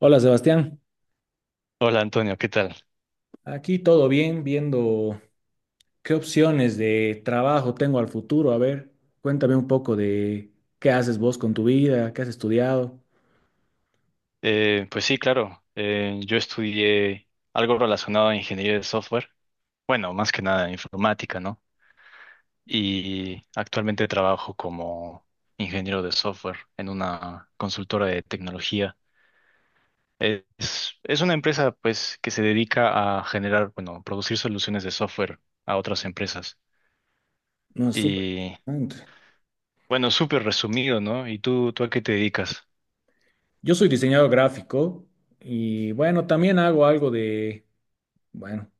Hola Sebastián, Hola Antonio, ¿qué tal? aquí todo bien, viendo qué opciones de trabajo tengo al futuro. A ver, cuéntame un poco de qué haces vos con tu vida, qué has estudiado. Pues sí, claro, yo estudié algo relacionado a ingeniería de software, bueno, más que nada informática, ¿no? Y actualmente trabajo como ingeniero de software en una consultora de tecnología. Es una empresa pues que se dedica a generar, bueno, producir soluciones de software a otras empresas. No, es súper Y interesante. bueno, súper resumido, ¿no? ¿Y tú a qué te dedicas? Yo soy diseñador gráfico y bueno, también hago algo de, bueno,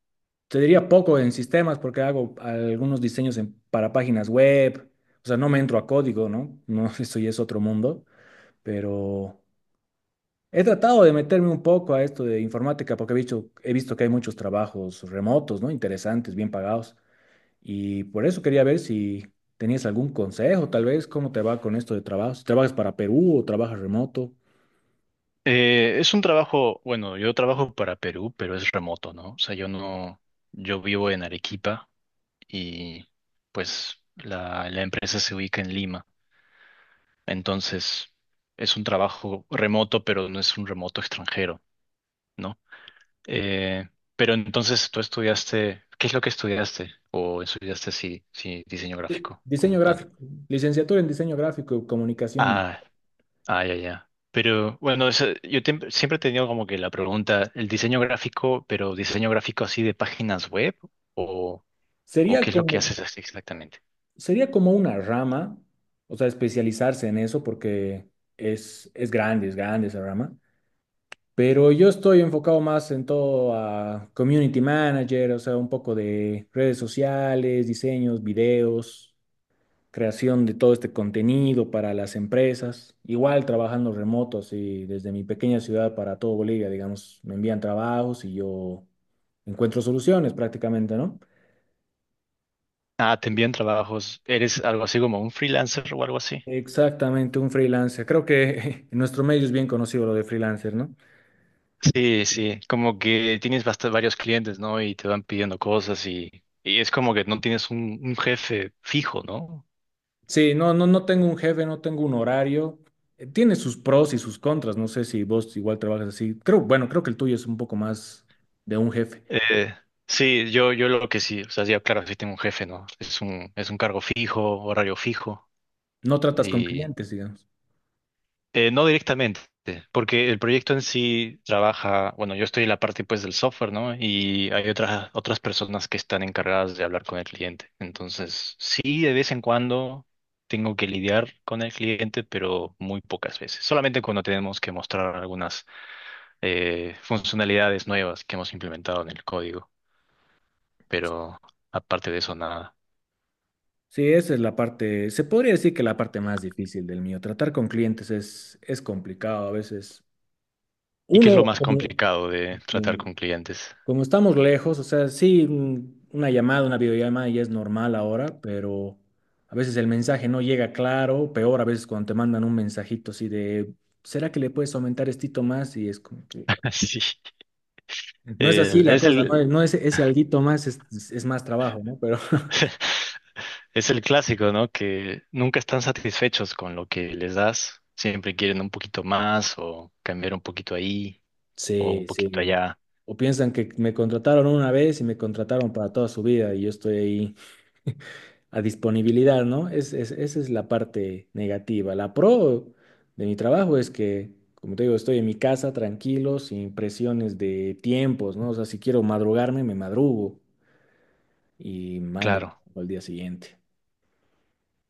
te diría poco en sistemas porque hago algunos diseños para páginas web. O sea, no me entro a código, ¿no? No, eso ya es otro mundo, pero. He tratado de meterme un poco a esto de informática porque he visto que hay muchos trabajos remotos, ¿no? Interesantes, bien pagados. Y por eso quería ver si tenías algún consejo, tal vez, cómo te va con esto de trabajo. Si trabajas para Perú o trabajas remoto. Es un trabajo, bueno, yo trabajo para Perú, pero es remoto, ¿no? O sea, yo no, yo vivo en Arequipa y pues la empresa se ubica en Lima. Entonces, es un trabajo remoto, pero no es un remoto extranjero, ¿no? Eh, pero entonces tú estudiaste, ¿qué es lo que estudiaste? ¿O estudiaste si diseño Sí, gráfico como diseño tal? gráfico, licenciatura en diseño gráfico y comunicación. Ah. Ah, ya, ya. Pero bueno, yo siempre he tenido como que la pregunta, ¿el diseño gráfico, pero diseño gráfico así de páginas web? ¿O, o Sería qué es lo que como, haces así exactamente? sería como una rama, o sea, especializarse en eso porque es grande esa rama. Pero yo estoy enfocado más en todo a community manager, o sea, un poco de redes sociales, diseños, videos, creación de todo este contenido para las empresas. Igual trabajando remoto, así desde mi pequeña ciudad para todo Bolivia, digamos, me envían trabajos y yo encuentro soluciones prácticamente, ¿no? Ah, te envían trabajos. ¿Eres algo así como un freelancer o algo así? Exactamente, un freelancer. Creo que en nuestro medio es bien conocido lo de freelancer, ¿no? Sí, sí, como que tienes varios clientes, ¿no? Y te van pidiendo cosas y es como que no tienes un jefe fijo, ¿no? Sí, no, no, no tengo un jefe, no tengo un horario. Tiene sus pros y sus contras. No sé si vos igual trabajas así. Bueno, creo que el tuyo es un poco más de un jefe. Eh, sí, yo, yo lo que sí, o sea, ya claro, sí tengo un jefe, ¿no? Es un cargo fijo, horario fijo, No tratas con y clientes, digamos. No directamente, porque el proyecto en sí trabaja, bueno, yo estoy en la parte pues del software, ¿no? Y hay otras, otras personas que están encargadas de hablar con el cliente. Entonces, sí, de vez en cuando tengo que lidiar con el cliente, pero muy pocas veces. Solamente cuando tenemos que mostrar algunas funcionalidades nuevas que hemos implementado en el código. Pero aparte de eso, nada. Sí, esa es la parte, se podría decir que la parte más difícil del mío. Tratar con clientes es complicado a veces. ¿Y qué es Uno, lo más como- complicado de tratar con clientes? Como estamos lejos, o sea, sí, una llamada, una videollamada ya es normal ahora, pero a veces el mensaje no llega claro, peor a veces cuando te mandan un mensajito así de, ¿será que le puedes aumentar estito más? Y es como que Sí, no es así la es cosa, no, el no es ese alguito más, es más trabajo, ¿no? Pero es el clásico, ¿no? Que nunca están satisfechos con lo que les das, siempre quieren un poquito más o cambiar un poquito ahí o un sí, poquito sí. allá. O piensan que me contrataron una vez y me contrataron para toda su vida y yo estoy ahí a disponibilidad, ¿no? Esa es la parte negativa. La pro de mi trabajo es que, como te digo, estoy en mi casa tranquilo, sin presiones de tiempos, ¿no? O sea, si quiero madrugarme, me madrugo y mando Claro, al día siguiente.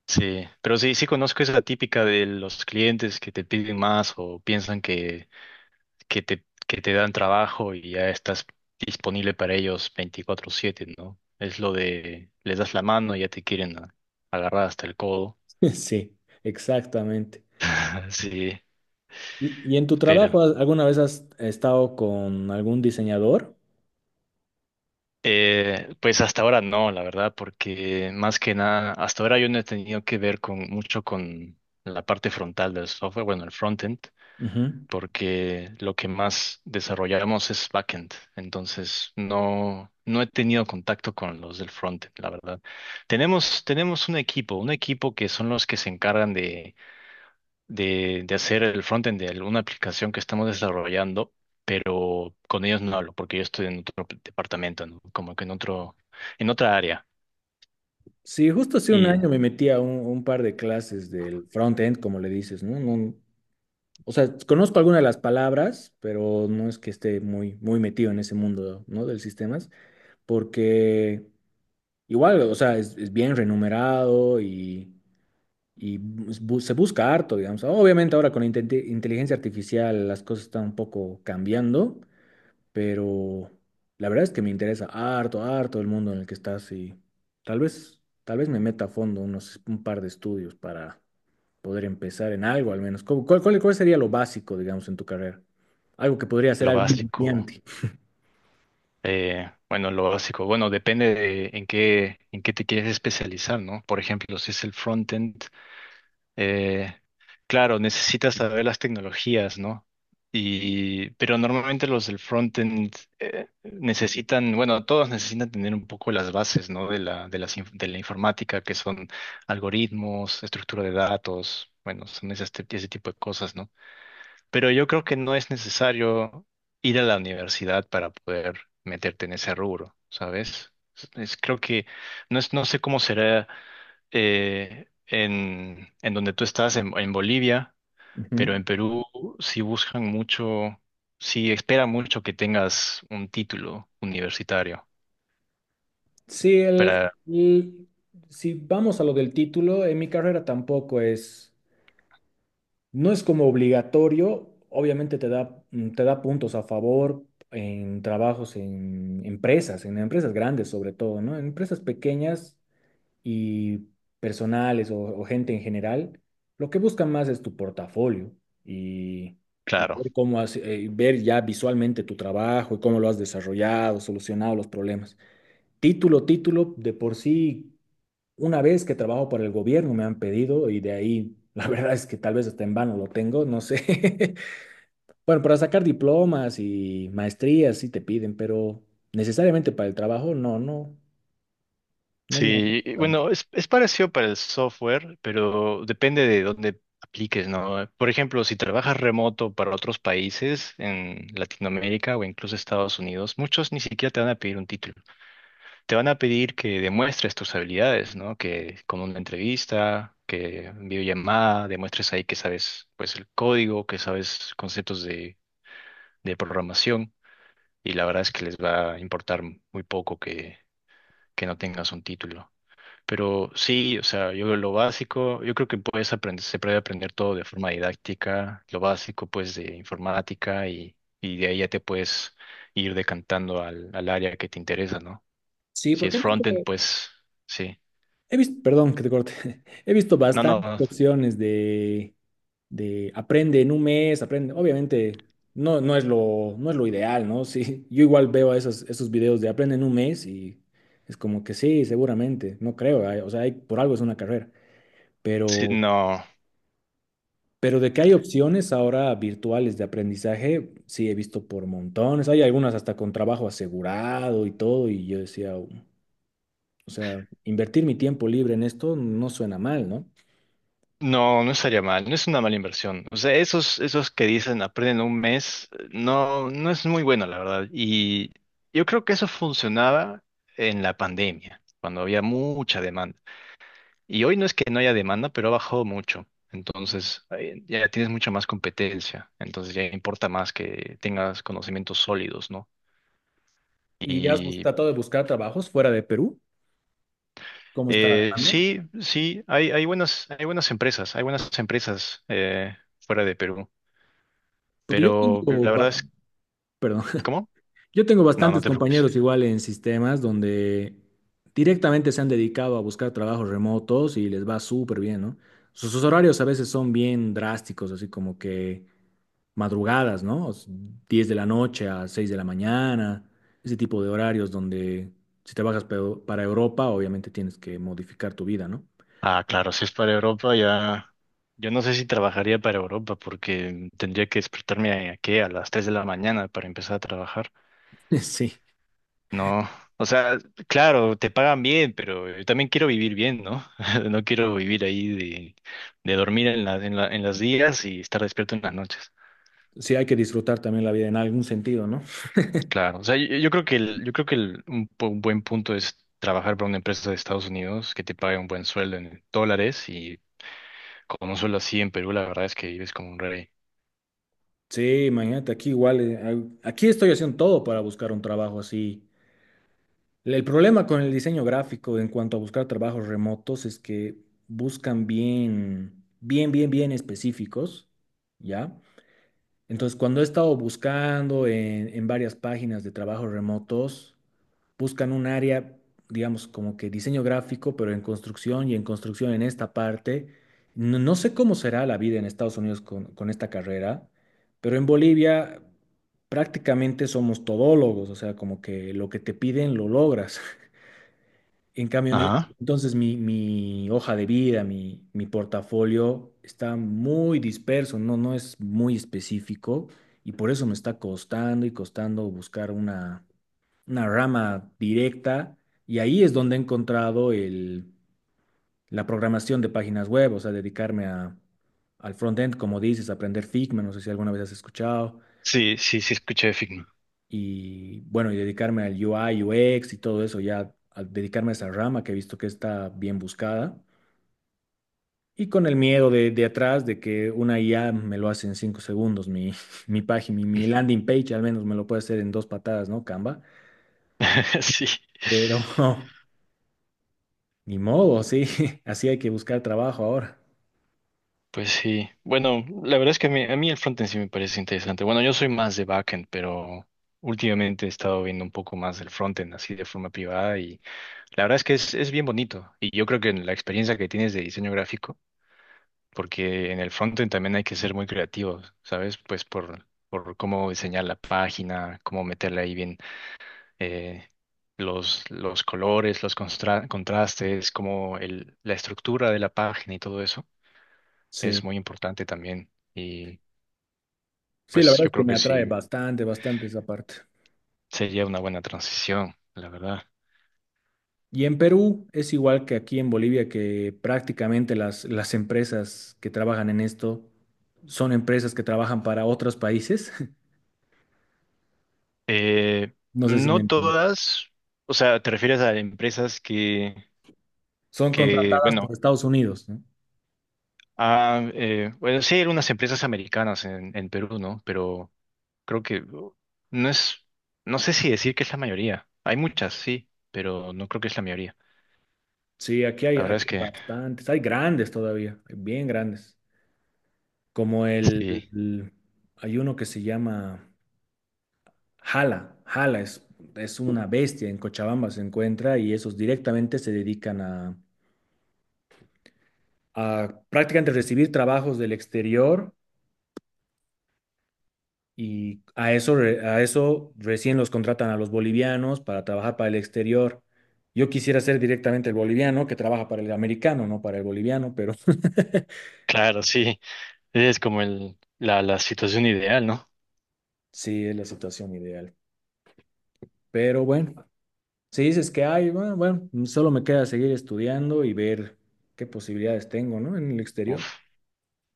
sí, pero sí, sí conozco esa típica de los clientes que te piden más o piensan que te dan trabajo y ya estás disponible para ellos 24/7 ¿no? Es lo de, les das la mano y ya te quieren agarrar hasta el codo. Sí, exactamente. Sí, ¿Y en tu pero trabajo, alguna vez has estado con algún diseñador? Pues hasta ahora no, la verdad, porque más que nada, hasta ahora yo no he tenido que ver con mucho con la parte frontal del software, bueno, el frontend, Ujú. porque lo que más desarrollamos es backend. Entonces, no, no he tenido contacto con los del frontend, la verdad. Tenemos un equipo que son los que se encargan de, de hacer el frontend de alguna aplicación que estamos desarrollando, pero con ellos no hablo, porque yo estoy en otro departamento, ¿no? Como que en otro, en otra área. Sí, justo hace un Y año me metí a un par de clases del front-end, como le dices, ¿no? O sea, conozco algunas de las palabras, pero no es que esté muy, muy metido en ese mundo, ¿no? Del sistemas, porque igual, o sea, es bien renumerado y se busca harto, digamos. Obviamente ahora con la inteligencia artificial las cosas están un poco cambiando, pero la verdad es que me interesa harto, harto el mundo en el que estás y tal vez me meta a fondo un par de estudios para poder empezar en algo al menos. ¿Cuál sería lo básico, digamos, en tu carrera? Algo que podría ser lo algo básico. iniciante. Bueno, lo básico. Bueno, depende de en qué te quieres especializar, ¿no? Por ejemplo, si es el frontend, eh, claro, necesitas saber las tecnologías, ¿no? Y, pero normalmente los del frontend necesitan, bueno, todos necesitan tener un poco las bases, ¿no? De la, de las, de la informática, que son algoritmos, estructura de datos, bueno, son ese, ese tipo de cosas, ¿no? Pero yo creo que no es necesario ir a la universidad para poder meterte en ese rubro, ¿sabes? Es, creo que no es, no sé cómo será en donde tú estás, en Bolivia, Ujú. pero en Perú sí buscan mucho, sí esperan mucho que tengas un título universitario. Sí, Para, el- si vamos a lo del título, en mi carrera tampoco es. No es como obligatorio, obviamente te da puntos a favor en trabajos en empresas grandes sobre todo, ¿no? En empresas pequeñas y personales o gente en general, lo que buscan más es tu portafolio y, y claro, ver ya visualmente tu trabajo y cómo lo has desarrollado, solucionado los problemas. Título, título, de por sí una vez que trabajo para el gobierno me han pedido y de ahí, la verdad es que tal vez hasta en vano lo tengo, no sé. Bueno, para sacar diplomas y maestrías sí te piden, pero necesariamente para el trabajo no, no, no me han sí, pedido tanto. bueno, es parecido para el software, pero depende de dónde apliques, ¿no? Por ejemplo, si trabajas remoto para otros países en Latinoamérica o incluso Estados Unidos, muchos ni siquiera te van a pedir un título. Te van a pedir que demuestres tus habilidades, ¿no? Que con una entrevista, que en videollamada, demuestres ahí que sabes, pues, el código, que sabes conceptos de programación. Y la verdad es que les va a importar muy poco que no tengas un título. Pero sí, o sea, yo lo básico, yo creo que puedes aprender, se puede aprender todo de forma didáctica, lo básico pues de informática y de ahí ya te puedes ir decantando al, al área que te interesa, ¿no? Sí, Si es porque frontend, pues sí. he visto, perdón que te corte, he visto No, no, bastantes no, opciones de aprende en un mes, aprende. Obviamente, no, no es lo ideal, ¿no? Sí, yo igual veo esos videos de aprende en un mes y es como que sí, seguramente, no creo, por algo es una carrera, sí, pero, no, pero de que hay opciones ahora virtuales de aprendizaje, sí, he visto por montones, hay algunas hasta con trabajo asegurado y todo, y yo decía, o sea, invertir mi tiempo libre en esto no suena mal, ¿no? no, no estaría mal, no es una mala inversión. O sea, esos, esos que dicen aprenden un mes, no, no es muy bueno, la verdad. Y yo creo que eso funcionaba en la pandemia, cuando había mucha demanda. Y hoy no es que no haya demanda, pero ha bajado mucho. Entonces, ya tienes mucha más competencia. Entonces, ya importa más que tengas conocimientos sólidos, ¿no? ¿Y Y tratado de buscar trabajos fuera de Perú? ¿Cómo está la demanda? sí, sí, hay, hay buenas empresas fuera de Perú. Porque yo Pero la tengo verdad va- es, Perdón. ¿cómo? Yo tengo No, no bastantes te preocupes. compañeros igual en sistemas donde directamente se han dedicado a buscar trabajos remotos y les va súper bien, ¿no? Sus horarios a veces son bien drásticos, así como que madrugadas, ¿no? 10 de la noche a 6 de la mañana, ese tipo de horarios donde si trabajas para Europa, obviamente tienes que modificar tu vida, ¿no? Ah, claro, si es para Europa ya. Yo no sé si trabajaría para Europa porque tendría que despertarme a, ¿qué? A las 3 de la mañana para empezar a trabajar. Sí, No, o sea, claro, te pagan bien, pero yo también quiero vivir bien, ¿no? No quiero vivir ahí de dormir en la, en los días y estar despierto en las noches. sí hay que disfrutar también la vida en algún sentido, ¿no? Claro, o sea, yo creo que yo creo que un, un buen punto es trabajar para una empresa de Estados Unidos que te pague un buen sueldo en dólares y con un sueldo así en Perú, la verdad es que vives como un rey. Sí, imagínate, aquí igual, aquí estoy haciendo todo para buscar un trabajo así. El problema con el diseño gráfico en cuanto a buscar trabajos remotos es que buscan bien, bien, bien, bien específicos, ¿ya? Entonces, cuando he estado buscando en varias páginas de trabajos remotos, buscan un área, digamos, como que diseño gráfico, pero en construcción y en construcción en esta parte. No, no sé cómo será la vida en Estados Unidos con esta carrera, pero en Bolivia prácticamente somos todólogos, o sea, como que lo que te piden lo logras. En cambio, Ajá. entonces mi, hoja de vida, mi portafolio está muy disperso, no, no es muy específico y por eso me está costando y costando buscar una rama directa y ahí es donde he encontrado la programación de páginas web, o sea, dedicarme al frontend, como dices, aprender Figma, no sé si alguna vez has escuchado, Sí, sí, sí, escuché de Figma. y bueno, y dedicarme al UI, UX y todo eso, ya al dedicarme a esa rama que he visto que está bien buscada. Y con el miedo de atrás de que una IA me lo hace en 5 segundos, mi página, mi landing page al menos me lo puede hacer en dos patadas, ¿no? Canva. Sí. Pero ni modo, sí, así hay que buscar trabajo ahora. Pues sí, bueno, la verdad es que a mí el frontend sí me parece interesante. Bueno, yo soy más de backend, pero últimamente he estado viendo un poco más del frontend así de forma privada y la verdad es que es bien bonito. Y yo creo que en la experiencia que tienes de diseño gráfico, porque en el frontend también hay que ser muy creativos, ¿sabes? Pues por cómo diseñar la página, cómo meterle ahí bien eh, los colores, los contrastes, como el, la estructura de la página y todo eso Sí, es muy importante también. sí, la Pues verdad yo es que creo me que atrae sí bastante, bastante esa parte. sería una buena transición, la verdad. Y en Perú es igual que aquí en Bolivia, que prácticamente las empresas que trabajan en esto son empresas que trabajan para otros países. Eh, No sé si me no entienden. todas, o sea, te refieres a empresas Son que contratadas bueno, por Estados Unidos, ¿no? a, bueno, sí hay unas empresas americanas en Perú, ¿no? Pero creo que no es, no sé si decir que es la mayoría. Hay muchas, sí, pero no creo que es la mayoría. Sí, aquí hay, La verdad aquí es hay que bastantes, hay grandes todavía, bien grandes, como el, sí, el- hay uno que se llama Jala. Jala es una bestia, en Cochabamba se encuentra y esos directamente se dedican a prácticamente recibir trabajos del exterior y a eso recién los contratan a los bolivianos para trabajar para el exterior. Yo quisiera ser directamente el boliviano que trabaja para el americano, no para el boliviano, pero claro, sí, es como el, la situación ideal, ¿no? sí es la situación ideal. Pero bueno. Si dices que hay, bueno, bueno, solo me queda seguir estudiando y ver qué posibilidades tengo, ¿no? En el Uf, exterior.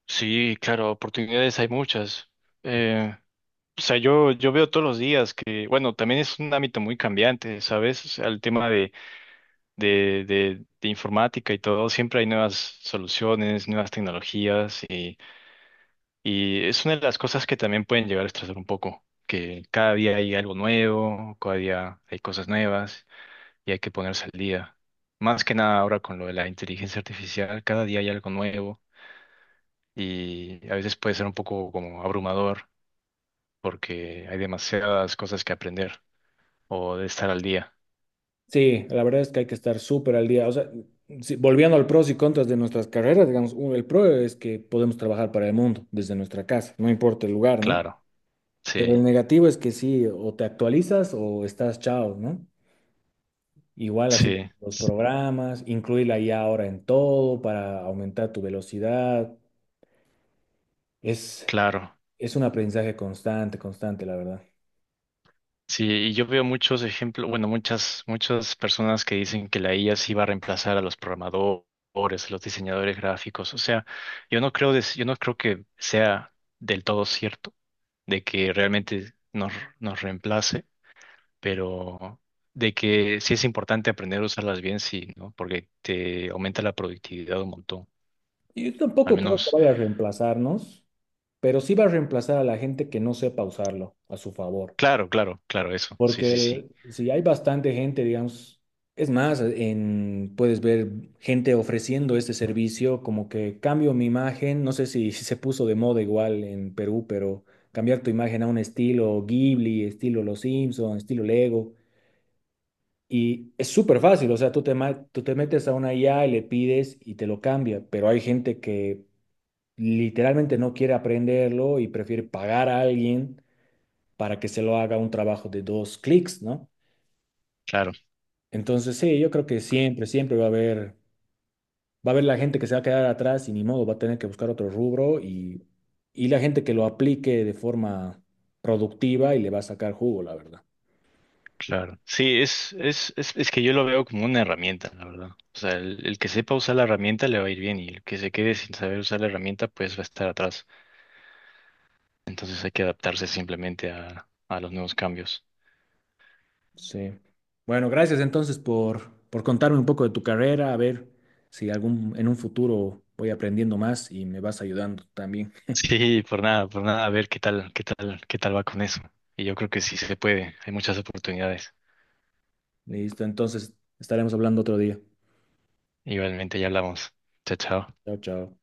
sí, claro, oportunidades hay muchas. Eh, O sea, yo veo todos los días que, bueno, también es un ámbito muy cambiante, ¿sabes? O sea, el tema de, de informática y todo, siempre hay nuevas soluciones, nuevas tecnologías y es una de las cosas que también pueden llegar a estresar un poco, que cada día hay algo nuevo, cada día hay cosas nuevas y hay que ponerse al día. Más que nada ahora con lo de la inteligencia artificial, cada día hay algo nuevo y a veces puede ser un poco como abrumador porque hay demasiadas cosas que aprender. O de estar al día. Sí, la verdad es que hay que estar súper al día. O sea, volviendo al pros y contras de nuestras carreras, digamos, el pro es que podemos trabajar para el mundo desde nuestra casa, no importa el lugar, ¿no? Claro, Pero sí, el negativo es que sí, o te actualizas o estás chao, ¿no? Igual así sí, los programas, incluir la IA ahora en todo para aumentar tu velocidad. Es, claro. es un aprendizaje constante, constante, la verdad. Sí, y yo veo muchos ejemplos, bueno, muchas, muchas personas que dicen que la IA sí va a reemplazar a los programadores, a los diseñadores gráficos. O sea, yo no creo, yo no creo que sea del todo cierto de que realmente nos, nos reemplace, pero de que sí es importante aprender a usarlas bien, sí, ¿no? Porque te aumenta la productividad un montón. Yo Al tampoco creo que menos, vaya a reemplazarnos, pero sí va a reemplazar a la gente que no sepa usarlo a su favor. claro, claro, claro, eso. Sí, Porque sí, sí. Si hay bastante gente, digamos, es más, puedes ver gente ofreciendo este servicio, como que cambio mi imagen, no sé si, se puso de moda igual en Perú, pero cambiar tu imagen a un estilo Ghibli, estilo Los Simpson, estilo Lego. Y es súper fácil, o sea, tú te metes a una IA y le pides y te lo cambia, pero hay gente que literalmente no quiere aprenderlo y prefiere pagar a alguien para que se lo haga un trabajo de dos clics, ¿no? Claro, Entonces, sí, yo creo que siempre, siempre va a haber, la gente que se va a quedar atrás y ni modo, va a tener que buscar otro rubro y la gente que lo aplique de forma productiva y le va a sacar jugo, la verdad. claro. Sí, es que yo lo veo como una herramienta, la verdad. O sea, el que sepa usar la herramienta le va a ir bien y el que se quede sin saber usar la herramienta pues va a estar atrás. Entonces hay que adaptarse simplemente a los nuevos cambios. Sí. Bueno, gracias entonces por contarme un poco de tu carrera, a ver si en un futuro voy aprendiendo más y me vas ayudando también. Sí, por nada, a ver qué tal, qué tal, qué tal va con eso. Y yo creo que sí se puede, hay muchas oportunidades. Listo, entonces estaremos hablando otro día. Igualmente ya hablamos. Chao, chao. Chao, chao.